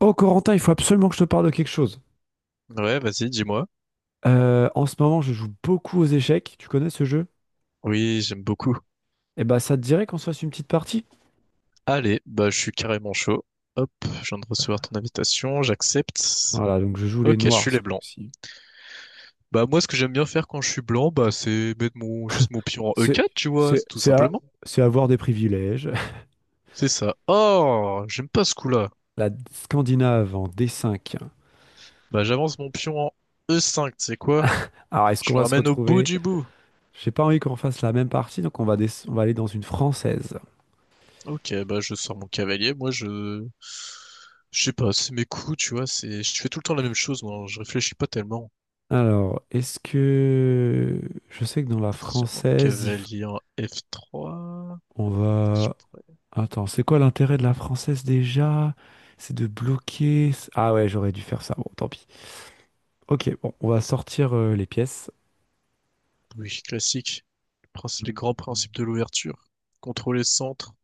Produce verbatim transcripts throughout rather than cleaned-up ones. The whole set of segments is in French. Oh Corentin, il faut absolument que je te parle de quelque chose. Ouais, vas-y, dis-moi. Euh, en ce moment, je joue beaucoup aux échecs. Tu connais ce jeu? Oui, j'aime beaucoup. Eh ben, ça te dirait qu'on se fasse une petite partie? Allez, bah je suis carrément chaud. Hop, je viens de recevoir ton invitation, j'accepte. Voilà, donc je joue les Ok, je suis noirs ce les blancs. coup-ci. Bah moi, ce que j'aime bien faire quand je suis blanc, bah c'est mettre mon juste mon pion en C'est, E quatre, tu vois, c'est, c'est tout c'est à- simplement. c'est avoir des privilèges. C'est ça. Oh, j'aime pas ce coup-là. La Scandinave en D cinq. Bah j'avance mon pion en E cinq, tu sais quoi? Alors, est-ce Je qu'on le va se ramène au bout retrouver? du bout. J'ai pas envie qu'on fasse la même partie, donc on va, des- on va aller dans une française. Ok, bah je sors mon cavalier. Moi, je, je sais pas, c'est mes coups, tu vois. C'est, je fais tout le temps la même chose. Moi, je réfléchis pas tellement. Alors, est-ce que... Je sais que dans la Attention, mon française, il f- cavalier en F trois. on Est-ce que va... je pourrais- Attends, c'est quoi l'intérêt de la française déjà? C'est de bloquer. Ah ouais, j'aurais dû faire ça. Bon, tant pis. Ok, bon, on va sortir euh, les pièces. Oui, classique. Le princi- Les grands principes de l'ouverture. Contrôler le centre,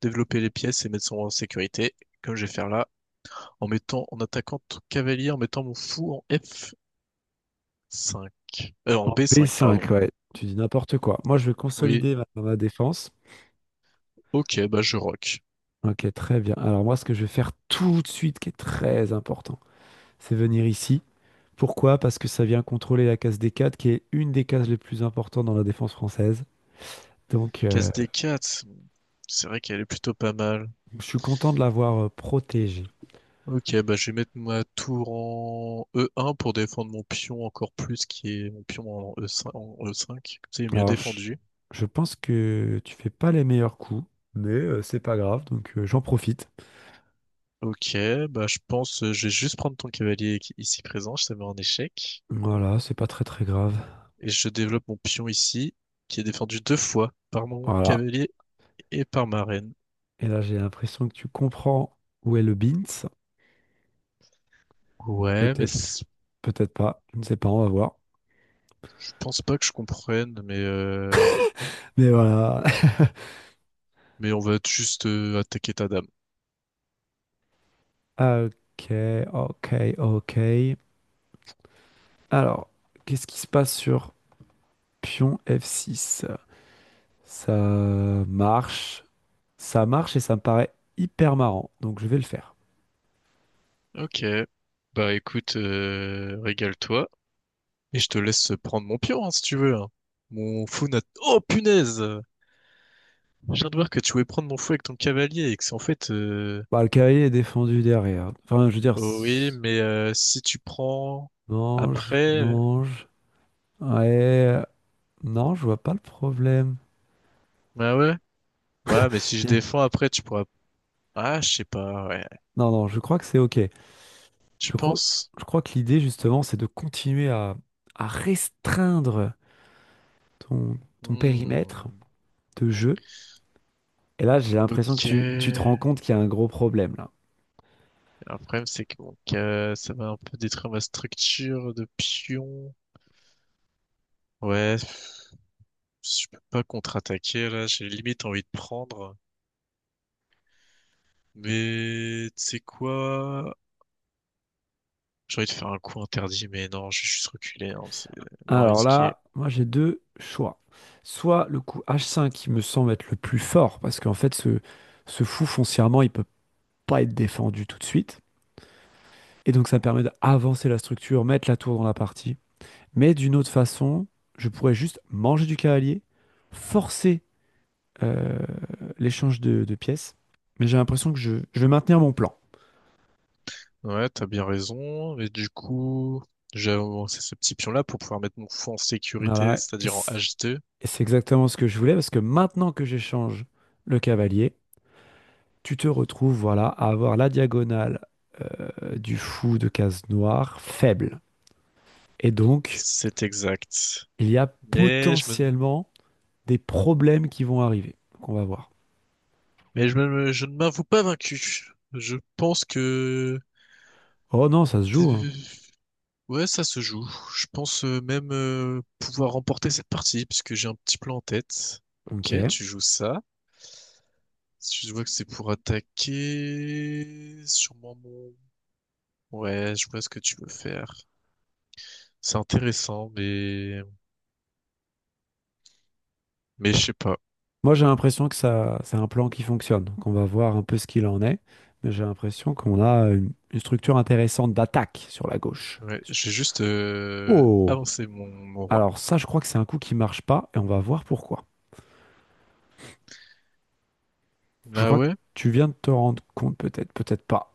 développer les pièces et mettre son roi en sécurité, comme je vais faire là, en mettant, en attaquant tout cavalier, en mettant mon fou en F cinq. Euh, en En B cinq, pardon. B cinq, ouais. Tu dis n'importe quoi. Moi, je vais Oui, consolider ma, ma défense. ok, bah je rock. Ok, très bien. Alors moi, ce que je vais faire tout de suite, qui est très important, c'est venir ici. Pourquoi? Parce que ça vient contrôler la case des quatre qui est une des cases les plus importantes dans la défense française. Donc, euh, Casse des quatre, c'est vrai qu'elle est plutôt pas mal. je suis content de l'avoir euh, protégée. Ok, bah je vais mettre ma tour en E un pour défendre mon pion encore plus, qui est mon pion en E cinq, en E cinq. Comme ça, il est mieux Alors, je, défendu. je pense que tu fais pas les meilleurs coups, mais euh, c'est pas grave, donc euh, j'en profite. Ok, bah je pense, euh, je vais juste prendre ton cavalier qui- ici présent, je te mets en échec. Voilà, c'est pas très très grave. Et je développe mon pion ici, qui est défendu deux fois par mon Voilà. cavalier et par ma reine. Et là, j'ai l'impression que tu comprends où est le bint. Ouais, mais Peut-être, c- peut-être pas. Je ne sais pas, on va voir. je pense pas que je comprenne, mais, euh, Mais voilà. mais on va juste euh, attaquer ta dame. Ok, ok, ok. Alors, qu'est-ce qui se passe sur pion F six? Ça marche. Ça marche et ça me paraît hyper marrant. Donc, je vais le faire. Ok. Bah écoute, euh, régale-toi. Et je te laisse prendre mon pion, hein, si tu veux, hein. Mon fou n'a... Oh punaise! Je viens de voir que tu voulais prendre mon fou avec ton cavalier et que c'est en fait... euh, Bah, le cavalier est défendu derrière. Enfin, je veux dire. Oh oui, mais euh, si tu prends Mange, après... euh, mange. Ouais. euh, Non, je vois pas le problème. Bah ouais. Ouais, mais si je Yeah. défends après, tu pourras... Ah, je sais pas, ouais. Non, non, je crois que c'est OK. Tu Je crois, penses? je crois que l'idée, justement, c'est de continuer à, à restreindre ton, ton périmètre Hmm. de jeu. Et là, j'ai l'impression que Ok. tu, tu te rends Le compte qu'il y a un gros problème, là. problème, c'est que mon ca- ça va un peu détruire ma structure de pion. Ouais, je peux pas contre-attaquer là, j'ai limite envie de prendre. Mais tu sais quoi? J'ai envie de faire un coup interdit, mais non, je vais juste reculer, hein, c'est moins Alors risqué. là, moi, j'ai deux choix. Soit le coup H cinq qui me semble être le plus fort, parce qu'en fait, ce, ce fou, foncièrement, il peut pas être défendu tout de suite. Et donc, ça permet d'avancer la structure, mettre la tour dans la partie. Mais d'une autre façon, je pourrais juste manger du cavalier, forcer euh, l'échange de, de pièces. Mais j'ai l'impression que je, je vais maintenir mon plan. Ouais, t'as bien raison. Mais du coup, j'ai avancé ce petit pion-là pour pouvoir mettre mon fou en sécurité, Voilà, et c'est-à-dire en c- H deux. et c'est exactement ce que je voulais, parce que maintenant que j'échange le cavalier, tu te retrouves voilà, à avoir la diagonale euh, du fou de case noire faible. Et donc, C'est exact. il y a Mais je me, potentiellement des problèmes qui vont arriver. Donc, on va voir. mais je me, je ne m'avoue pas vaincu. Je pense que Oh non, ça se joue, hein. ouais, ça se joue. Je pense euh, même euh, pouvoir remporter cette partie, puisque j'ai un petit plan en tête. Ok, Ok. tu joues ça. Si je vois que c'est pour attaquer, sûrement mon... Ouais, je vois ce que tu veux faire. C'est intéressant, mais... Mais je sais pas. Moi, j'ai l'impression que ça, c'est un plan qui fonctionne, qu'on va voir un peu ce qu'il en est, mais j'ai l'impression qu'on a une, une structure intéressante d'attaque sur la gauche. Ouais, j'ai juste euh, Oh! avancé mon, mon roi. Alors ça, je crois que c'est un coup qui marche pas, et on va voir pourquoi. Je Bah crois que ouais, tu viens de te rendre compte, peut-être, peut-être pas.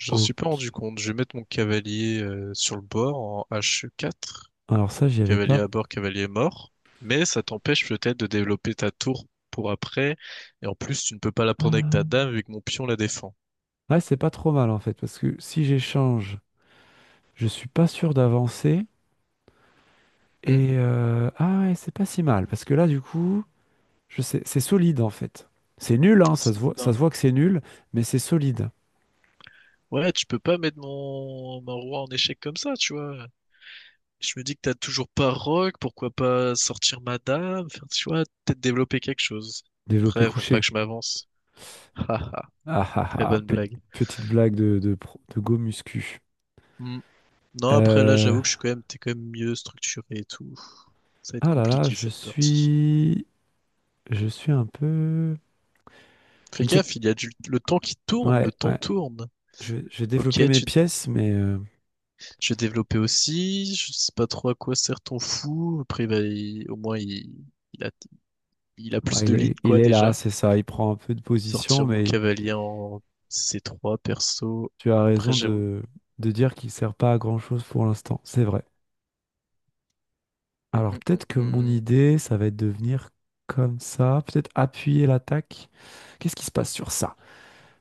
j'en Ok. suis pas rendu compte. Je vais mettre mon cavalier euh, sur le bord en H quatre. Alors ça, j'y avais Cavalier pas... à bord, cavalier mort, mais ça t'empêche peut-être de développer ta tour pour après, et en plus tu ne peux pas la prendre avec Euh, ta dame vu que mon pion la défend. Ouais, c'est pas trop mal, en fait, parce que si j'échange, je suis pas sûr d'avancer, Hmm, et... euh, Ah ouais, c'est pas si mal, parce que là, du coup... Je sais, c'est solide en fait. C'est nul, hein, ça se c'est voit, ça. ça se voit que c'est nul, mais c'est solide. Ouais, tu peux pas mettre mon... mon roi en échec comme ça, tu vois. Je me dis que t'as toujours pas rogue, pourquoi pas sortir ma dame, faire, tu vois, peut-être développer quelque chose. Développé Après, faut pas couché. que je m'avance. Haha, Ah ah très ah, bonne pe- blague. Petite blague de, de, pro- de go muscu. Hmm. Non, après là, Euh, j'avoue que je suis quand même, t'es quand même mieux structuré et tout. Ça va être ah là là, compliqué je cette partie. suis, je suis un peu, je Fais ne sais, gaffe, il y a du... le temps qui tourne, le ouais temps ouais. tourne. Je, vais je vais Ok, développer mes tu... pièces, mais euh, Je vais développer aussi, je sais pas trop à quoi sert ton fou. Après, bah, il- au moins, il... il a... il a plus bah, il de lignes, est, il quoi, est là, déjà. c'est ça. Il prend un peu de position, Sortir mon mais cavalier en c trois perso. tu as Après, raison j'avoue. de, de dire qu'il sert pas à grand chose pour l'instant. C'est vrai. Alors Hum, hum, peut-être que mon hum. idée, ça va être de venir comme ça, peut-être appuyer l'attaque. Qu'est-ce qui se passe sur ça?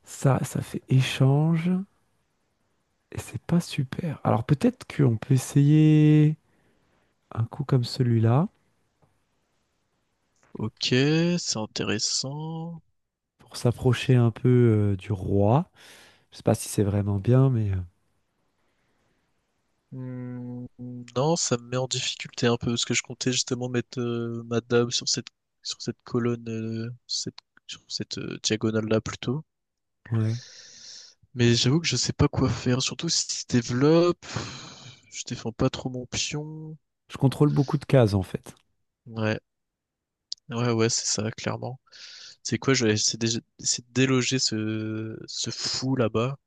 Ça, ça fait échange et c'est pas super. Alors peut-être qu'on peut essayer un coup comme celui-là Ok, c'est intéressant. pour s'approcher un peu euh, du roi. Je sais pas si c'est vraiment bien, mais euh, Hmm, non, ça me met en difficulté un peu parce que je comptais justement mettre euh, ma dame sur cette sur cette colonne, euh, cette, sur cette euh, diagonale-là plutôt. ouais. Mais j'avoue que je sais pas quoi faire, surtout si je développe. Je défends pas trop mon pion. Je contrôle beaucoup de cases en fait. Ouais, ouais, ouais, c'est ça, clairement. C'est quoi, je vais essayer de essayer de déloger ce, ce fou là-bas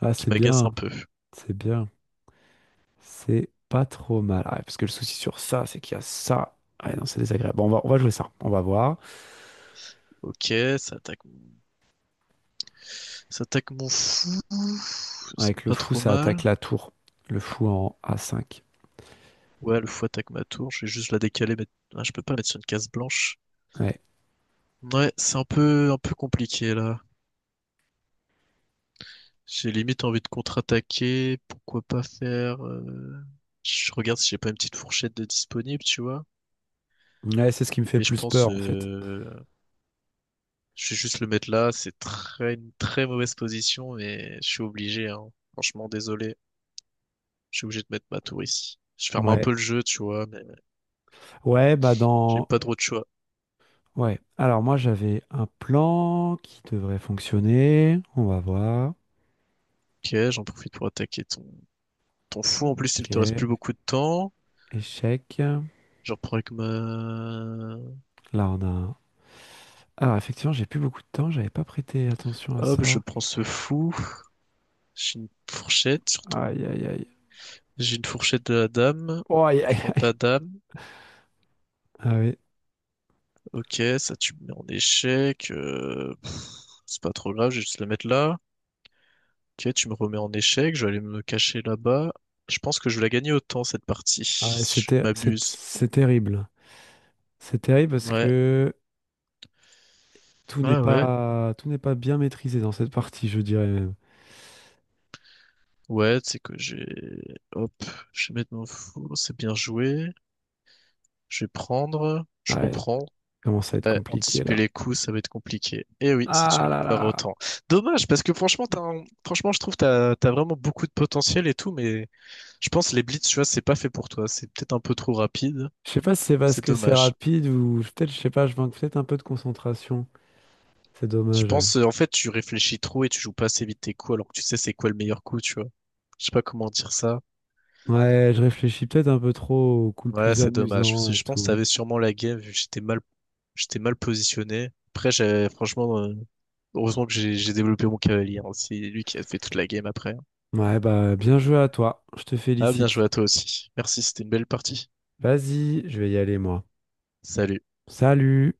Ah, qui c'est m'agace un bien, peu. c'est bien, c'est pas trop mal. Ah, ouais, parce que le souci sur ça, c'est qu'il y a ça. Ah ouais, non, c'est désagréable. Bon, on va, on va jouer ça. On va voir. Ok, ça attaque, ça attaque mon fou. C'est Avec le pas fou, trop ça mal. attaque la tour. Le fou en a cinq. Ouais, le fou attaque ma tour. Je vais juste la décaler, mais ah, je peux pas mettre sur une case blanche. Ouais. Ouais, c'est un peu, un peu compliqué là. J'ai limite envie de contre-attaquer. Pourquoi pas faire... euh, je regarde si j'ai pas une petite fourchette de disponible, tu vois. Ouais, c'est ce qui me fait le Mais je plus pense... peur, en fait. euh, Je vais juste le mettre là. C'est très, une très mauvaise position, mais je suis obligé, hein. Franchement, désolé. Je suis obligé de mettre ma tour ici. Je ferme un peu Ouais. le jeu, tu vois, mais Ouais, bah j'ai dans... pas trop de choix. Ouais. Alors moi, j'avais un plan qui devrait fonctionner. On va voir. Ok, j'en profite pour attaquer ton, ton fou. En plus, il te reste Ok. plus beaucoup de temps. Échec. Je reprends avec ma... Là, on a un... Alors, effectivement, j'ai plus beaucoup de temps. J'avais pas prêté attention à Hop, je ça. prends ce fou. J'ai une fourchette sur Aïe, ton... aïe, aïe. J'ai une fourchette de la dame. Oh, aïe, Je aïe, prends aïe. ta dame. Ah oui. Ok, ça tu me mets en échec. Euh, pff, c'est pas trop grave, je vais juste la mettre là. Ok, tu me remets en échec. Je vais aller me cacher là-bas. Je pense que je vais la gagner autant cette partie, Ah ouais, c'est si je ne ter- c'est- m'abuse. C'est terrible. C'est terrible parce Ouais, que tout n'est ouais, ouais. pas... tout n'est pas bien maîtrisé dans cette partie, je dirais même. Ouais, tu sais que j'ai... Hop, je vais mettre mon fou. C'est bien joué. Je vais prendre. Je Ouais, reprends. commence à être Ouais, compliqué anticiper là. les coups, ça va être compliqué. Et oui, c'est une Ah là victoire là. autant. Dommage, parce que franchement, t'as un- franchement, je trouve que t'as, t'as vraiment beaucoup de potentiel et tout, mais je pense les blitz, tu vois, c'est pas fait pour toi. C'est peut-être un peu trop rapide. Je sais pas si c'est parce C'est que c'est dommage. rapide ou peut-être, je sais pas, je manque peut-être un peu de concentration. C'est Je dommage, ouais. pense, euh, en fait, tu réfléchis trop et tu joues pas assez vite tes coups, alors que tu sais c'est quoi le meilleur coup, tu vois. Je sais pas comment dire ça. Ouais, je réfléchis peut-être un peu trop au coup le Ouais, plus c'est dommage. Parce amusant que et je pense que tout. t'avais sûrement la game, vu que j'étais mal, j'étais mal positionné. Après, j'ai, franchement, euh, heureusement que j'ai j'ai développé mon cavalier, hein. C'est lui qui a fait toute la game après. Ouais, bah bien joué à toi. Je te Ah, bien félicite. joué à toi aussi. Merci, c'était une belle partie. Vas-y, je vais y aller moi. Salut. Salut!